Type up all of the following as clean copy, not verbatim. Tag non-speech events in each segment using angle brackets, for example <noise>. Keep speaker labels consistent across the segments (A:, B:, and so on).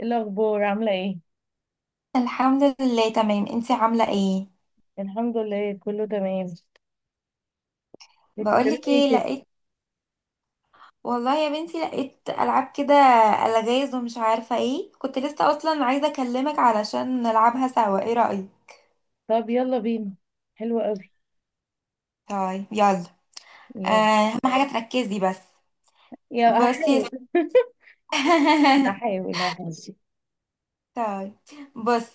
A: إيه الأخبار، عاملة ايه؟
B: الحمد لله تمام. انتي عاملة ايه؟
A: الحمد لله، كله تمام. انتي بتعملي
B: بقولك
A: ايه
B: ايه،
A: كده؟
B: لقيت والله يا بنتي لقيت ألعاب كده، ألغاز ومش عارفة ايه. كنت لسه أصلا عايزة أكلمك علشان نلعبها سوا، ايه رأيك؟
A: طب يلا بينا. حلوة قوي.
B: طيب يلا.
A: يلا.
B: أهم حاجة تركزي بس.
A: يا
B: بصي يا س-
A: هحاول. <laughs>
B: <laughs>
A: هحاول هحاول، ماشي.
B: طيب، بصي،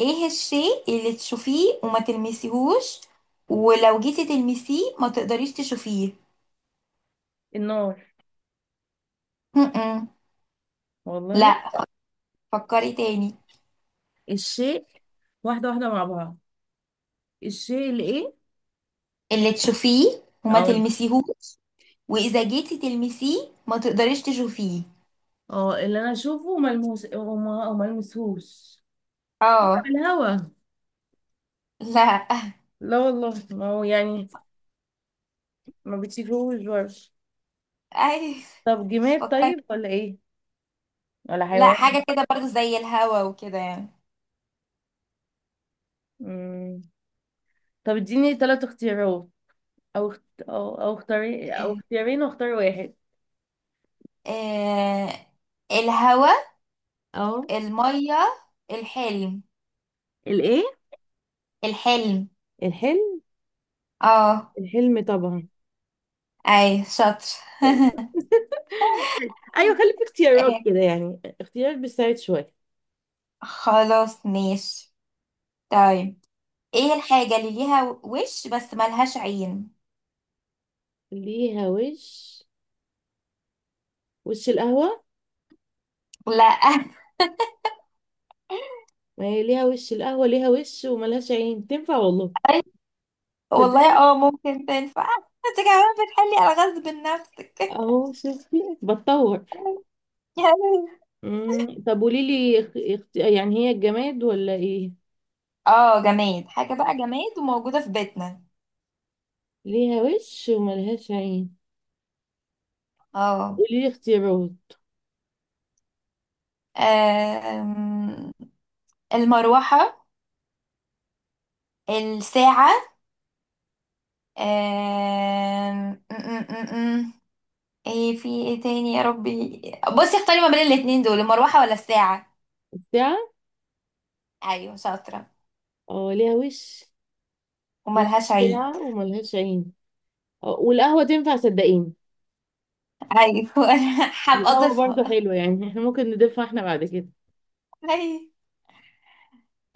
B: ايه الشيء اللي تشوفيه وما تلمسيهوش ولو جيتي تلمسيه ما تقدريش تشوفيه؟
A: النار.
B: م-م.
A: والله.
B: لا، فكري تاني.
A: الشيء. واحدة واحدة مع بعض. الشيء اللي ايه؟
B: اللي تشوفيه وما
A: اه.
B: تلمسيهوش، واذا جيتي تلمسيه ما تقدريش تشوفيه.
A: اه، اللي انا اشوفه وملموس، وما المسهوش.
B: اه.
A: الهوا.
B: لا.
A: لا والله، ما هو يعني ما بتشوفوش برضه.
B: <laughs> اي.
A: طب جماد
B: فكرت.
A: طيب ولا ايه؟ ولا
B: لا،
A: حيوان؟
B: حاجه كده برضو زي الهوا وكده يعني.
A: مم. طب اديني 3 اختيارات، او اختاري او اختيارين واختار واحد.
B: آه الهوا،
A: اه.
B: الميه، الحلم.
A: الايه؟
B: الحلم.
A: الحلم.
B: اه.
A: الحلم طبعا.
B: اي شاطر.
A: <laughs> حلو.
B: <laughs>
A: ايوه، خلي في اختيارات
B: إيه،
A: كده، يعني اختيارات بتساعد شويه.
B: خلاص ماشي. طيب، ايه الحاجة اللي ليها وش بس ملهاش عين؟
A: ليها وش. وش القهوة.
B: لا. <laughs>
A: ما هي ليها وش القهوة، ليها وش وملهاش عين، تنفع والله.
B: أي، والله
A: تصدقي؟
B: اه ممكن تنفع. <laughs> انت كمان بتحلي الغاز بنفسك.
A: اهو، شفتي بتطور.
B: <laughs>
A: مم. طب قولي لي يعني هي الجماد ولا ايه؟
B: اه، جماد. حاجة بقى جماد وموجودة في بيتنا.
A: ليها وش وملهاش عين.
B: اه.
A: قولي لي اختيارات.
B: آم، المروحة، الساعة، آم، م- م- م- م. ايه في ايه تاني يا ربي؟ بصي، اختاري ما بين الاتنين دول: المروحة ولا الساعة؟
A: الساعة.
B: ايوه شاطرة.
A: اه، ليها وش.
B: وملهاش عيد.
A: وساعة وملهاش عين. آه، والقهوة تنفع، صدقيني.
B: ايوه. <laughs> انا هبقى
A: القهوة برضو
B: اضيفها.
A: حلوة يعني. <laughs> احنا ممكن نضيفها احنا بعد كده.
B: أيوة.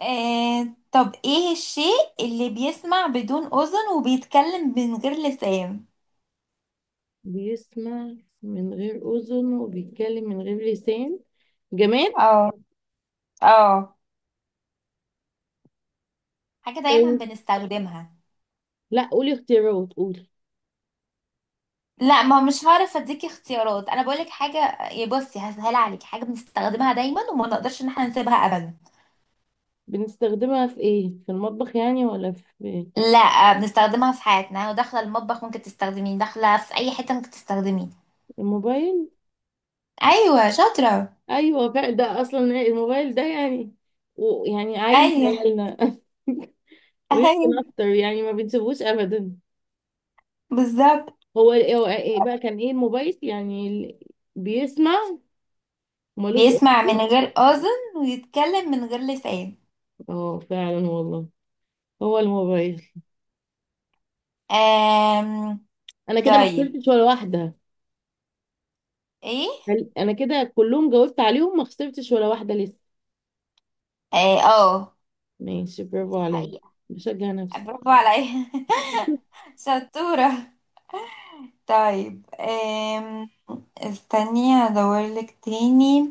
B: طب ايه الشيء اللي بيسمع بدون اذن وبيتكلم من غير لسان؟
A: بيسمع من غير أذن وبيتكلم من غير لسان. جماد.
B: اه. اه. حاجة دايما
A: طيب.
B: بنستخدمها.
A: لا، قولي اختيارات، قولي.
B: لا، ما مش هعرف اديكي اختيارات، انا بقولك حاجه. يا بصي هسهل عليك، حاجه بنستخدمها دايما وما نقدرش ان احنا نسيبها ابدا.
A: بنستخدمها في ايه؟ في المطبخ يعني، ولا في؟
B: لا، بنستخدمها في حياتنا، وداخله المطبخ ممكن تستخدميه، داخله في اي حته ممكن تستخدميه.
A: الموبايل.
B: ايوه شاطره.
A: ايوه فعلا، ده اصلا الموبايل ده يعني. ويعني عيل في
B: ايوه.
A: عيالنا. <laughs>
B: ايوه
A: ويمكن اكتر يعني، ما بنسيبوش ابدا.
B: بالظبط.
A: هو هو إيه بقى؟ كان ايه الموبايل يعني بيسمع ومالوش
B: بيسمع من
A: أصول.
B: غير اذن ويتكلم من غير لسان.
A: اه فعلا والله. هو الموبايل.
B: آم...
A: انا كده ما
B: طيب،
A: خسرتش ولا واحدة.
B: ايه؟
A: انا كده كلهم جاوبت عليهم، ما خسرتش ولا واحدة لسه.
B: اه.
A: ماشي. برافو
B: دي
A: عليا.
B: حقيقه.
A: بشجع نفسي.
B: برافو عليا. <laughs> شطوره. طيب، استني هدورلك تاني.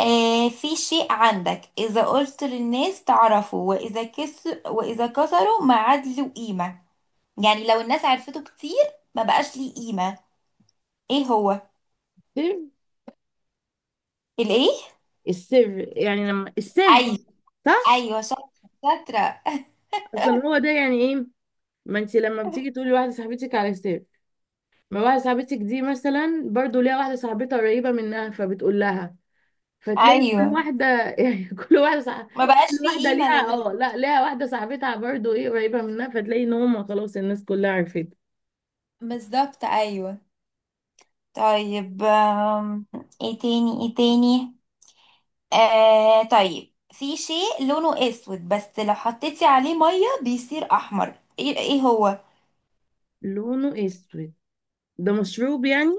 B: آه، في شيء عندك إذا قلت للناس تعرفه وإذا كسروا ما عاد له قيمة. يعني لو الناس عرفته كتير ما بقاش ليه قيمة. إيه هو؟
A: السر.
B: الإيه؟
A: السر يعني لما السر،
B: أيوة.
A: صح.
B: أيوة شاطرة شاطرة.
A: اصلا هو ده يعني ايه. ما انت لما بتيجي تقولي واحده صاحبتك على السر، ما واحده صاحبتك دي مثلا برضو ليها واحده صاحبتها قريبه منها، فبتقول لها. فتلاقي كل
B: أيوه،
A: واحدة، <laughs> يعني كل واحدة صح...
B: ما بقاش
A: كل
B: فيه
A: واحدة
B: قيمة
A: ليها،
B: لل...
A: اه، لا، ليها واحدة صاحبتها برضو، ايه، قريبة منها، فتلاقي ان هما خلاص الناس كلها عرفت.
B: بالظبط أيوه. طيب، إيه تاني إيه تاني؟ آه طيب، في شيء لونه اسود بس لو حطيتي عليه ميه بيصير احمر، ايه ايه هو؟
A: لونه اسود. ده مشروب يعني؟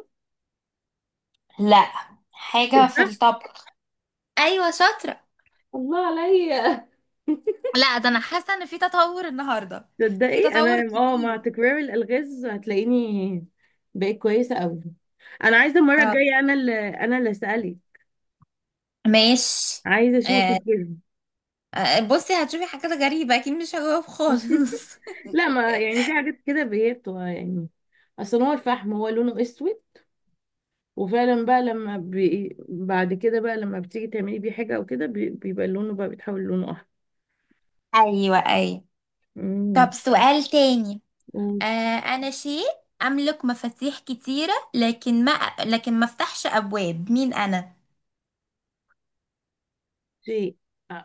B: لا، حاجه في
A: الفحم.
B: الطبخ. ايوه شاطره.
A: الله عليا. <laughs>
B: لا ده انا حاسه ان في تطور النهارده، في
A: تصدقي،
B: تطور
A: انا اه مع
B: كبير.
A: تكرار الالغاز هتلاقيني بقيت كويسة قوي. انا عايزة المرة
B: طب
A: الجاية انا اللي اسألك.
B: ماشي.
A: عايزة اشوفك
B: آه.
A: كده.
B: آه، بصي هتشوفي حاجات غريبه اكيد مش هجاوب خالص.
A: <laughs> لا، ما يعني في حاجات كده هي بتبقى يعني. اصل هو الفحم، هو لونه اسود. وفعلا بقى، لما بعد كده بقى لما بتيجي تعملي بيه حاجة او كده، بيبقى لونه بقى بيتحول لونه احمر.
B: <laughs> ايوه ايوه. طب
A: امم.
B: سؤال تاني. آه، شيء املك مفاتيح كتيره، لكن ما افتحش ابواب، مين انا؟
A: وشيء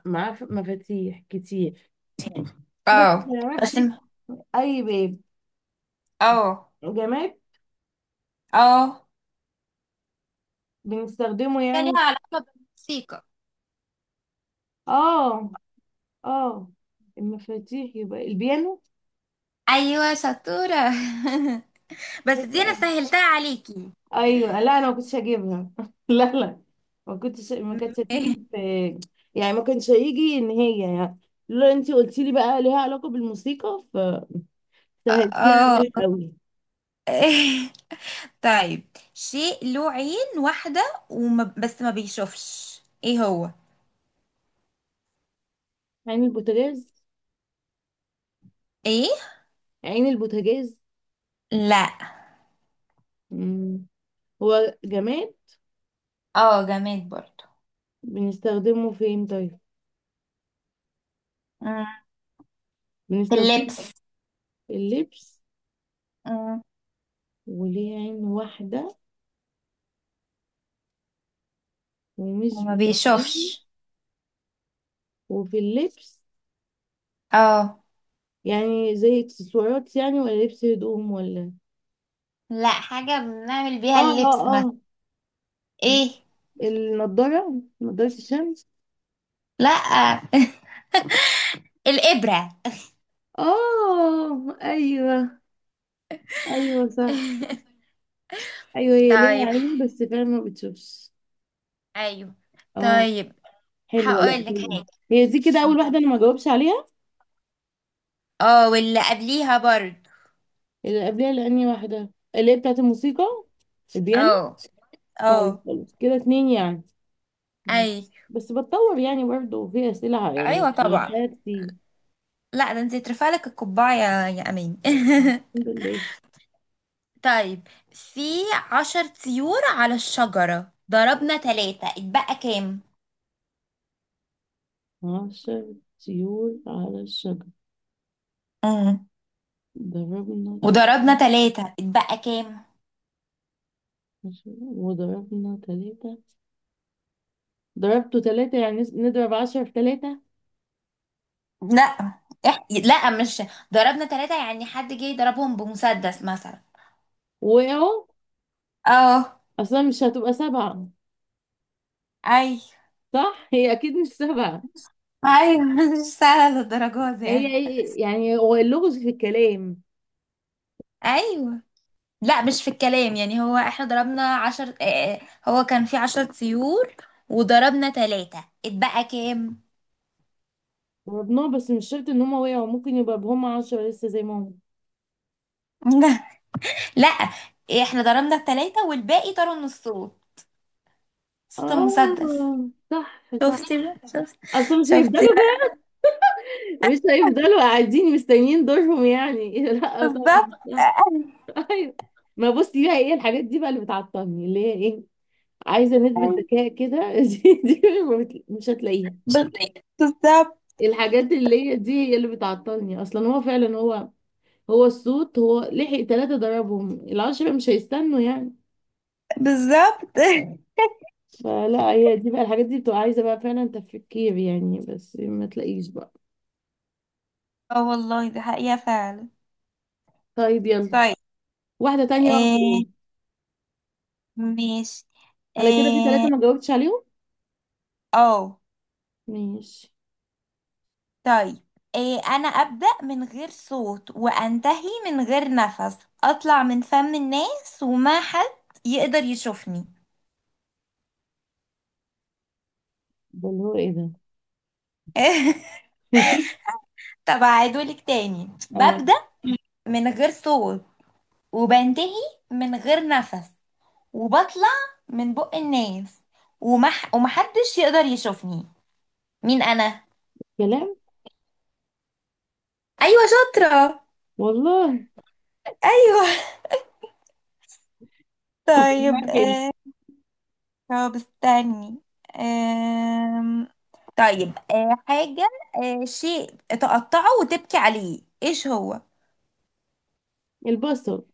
A: معاه مفاتيح كتير، بس ما
B: اه
A: نعرفش
B: بس م-
A: اي باب.
B: اه.
A: جماد.
B: اه،
A: بنستخدمه
B: هي ليها
A: يعني.
B: علاقة بالموسيقى.
A: اه. اه، المفاتيح يبقى البيانو.
B: ايوه شطورة. <laughs> بس دي انا سهلتها عليكي.
A: ايوه، لا انا ما كنتش هجيبها. <laughs> لا لا. ما كانتش
B: م-
A: هتيجي في. يعني ما كانش هيجي ان هي يعني. لو انت قلتي لي بقى ليها علاقه بالموسيقى، سهلتيها
B: اه.
A: عليك قوي.
B: <laughs> طيب، شيء له عين واحدة وما بس ما بيشوفش، ايه هو؟
A: عين البوتاجاز.
B: ايه؟
A: عين البوتاجاز.
B: لا.
A: مم. هو جماد؟
B: اه جماد برضو.
A: بنستخدمه فين طيب؟
B: مم. في
A: بنستخدمه
B: اللبس.
A: في اللبس.
B: مم.
A: وليه عين واحدة ومش
B: وما
A: بيكون.
B: بيشوفش.
A: وفي اللبس.
B: اه.
A: يعني زي اكسسوارات، يعني ولا لبس هدوم ولا؟
B: لا، حاجة بنعمل
A: اه
B: بيها
A: اه
B: اللبس مثلا.
A: اه.
B: ايه؟
A: النضارة، نضارة الشمس.
B: لا. <laughs> الإبرة.
A: اه، ايوه، ايوه صح.
B: <laughs>
A: ايوه، هي ليها
B: طيب.
A: عين بس فعلا ما بتشوفش.
B: ايوه.
A: اه.
B: طيب،
A: حلوة. لا
B: هقول لك
A: حلوة.
B: حاجه.
A: هي دي كده اول
B: طب.
A: واحدة انا ما جاوبش عليها.
B: اه، واللي قبليها برضه.
A: اللي قبلها، لاني واحدة اللي هي بتاعت الموسيقى، البيانو.
B: اه.
A: طيب،
B: اه.
A: خلاص كده 2 يعني.
B: اي.
A: بس بتطور يعني، برضه في اسئلة يعني
B: ايوه طبعا.
A: بنساها كتير.
B: لا ده انت ترفع لك القبعه يا يا امين.
A: الحمد لله.
B: <laughs> طيب، في 10 طيور على الشجره، ضربنا 3، اتبقى كام؟
A: 10 طيور على الشجر،
B: امم.
A: ضربنا تل...
B: وضربنا 3 اتبقى كام؟
A: وضربنا 3. ضربته 3، يعني نضرب 10 في 3.
B: لا إح... لا مش ضربنا ثلاثة يعني حد جه يضربهم بمسدس مثلا.
A: وقعوا؟
B: اه.
A: أصلا مش هتبقى 7.
B: اي.
A: صح؟ هي أكيد مش 7.
B: ايوه. <laughs> مش سهله للدرجه دي
A: هي
B: يعني.
A: يعني هو اللغز في الكلام.
B: ايوه. لا مش في الكلام، يعني هو احنا ضربنا عشر آه هو كان في 10 طيور وضربنا 3، اتبقى كام؟
A: ضربناه بس مش شرط ان هما وقعوا، ممكن يبقى بهم 10 لسه زي ما هم.
B: <laughs> لا، احنا ضربنا الـ3 والباقي طاروا من الصوت، صوت المسدس.
A: اه، صح صح.
B: شفتي بقى، شفتي،
A: اصلا مش
B: شفتي
A: هيفضلوا بقى. مش هيفضلوا قاعدين مستنيين دورهم يعني. <laughs> لا
B: بقى بالظبط.
A: طبعا صح.
B: <laughs>
A: ايوه. ما بصي بقى، ايه الحاجات دي بقى اللي بتعطلني اللي هي ايه؟ عايزه نسبه
B: أيوة.
A: ذكاء كده. <laughs> دي ما بت- مش هتلاقيها.
B: شطير. بالظبط
A: الحاجات اللي هي دي هي اللي بتعطلني اصلا، هو فعلا هو. هو الصوت، هو لحق 3 ضربهم، 10 مش هيستنوا يعني.
B: بالظبط. <laughs>
A: فلا، هي دي بقى الحاجات دي بتبقى عايزة بقى فعلا تفكير يعني، بس ما تلاقيش بقى.
B: اه والله دي حقيقة فعلا.
A: طيب يلا.
B: طيب.
A: واحدة تانية بقى
B: آه
A: خلاص.
B: ماشي.
A: انا كده في 3
B: اه.
A: ما جاوبتش عليهم.
B: آه.
A: ماشي.
B: طيب، إيه؟ أنا أبدأ من غير صوت وأنتهي من غير نفس، أطلع من فم الناس وما حد يقدر يشوفني.
A: ده اللي هو ايه ده؟
B: <laughs>
A: <laughs>
B: طب أعيدهولك تاني.
A: اه،
B: ببدأ من غير صوت، وبنتهي من غير نفس، وبطلع من بق الناس، ومحدش يقدر يشوفني. مين أنا؟
A: كلام،
B: أيوة شاطرة.
A: والله. <laughs>
B: أيوة. <laughs>
A: والله
B: طيب،
A: حلو.
B: هو بستني. أم... طيب، أه حاجة أه شيء تقطعه وتبكي عليه، ايش هو؟
A: البصل،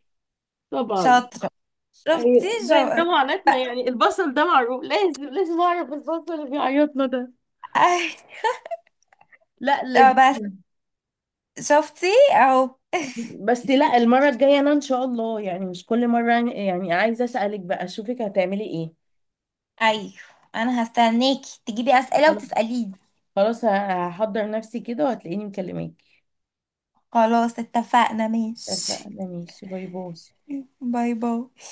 A: طبعا.
B: شاطرة. شفتي
A: أيوة. ده ده معاناتنا
B: <laughs>
A: يعني. البصل ده معروف، لازم لازم اعرف البصل اللي بيعيطنا ده.
B: أي...
A: لا، لازم.
B: طب بس، شفتي، اهو. <laughs>
A: بس لا، المرة الجاية انا ان شاء الله، يعني مش كل مرة يعني عايزة اسألك بقى، اشوفك هتعملي
B: ايوه انا هستناكي تجيبي اسئلة
A: ايه.
B: وتسأليني.
A: خلاص، هحضر نفسي كده وهتلاقيني مكلماك.
B: خلاص اتفقنا، ماشي.
A: اتفقنا، ماشي. باي باي.
B: باي باي.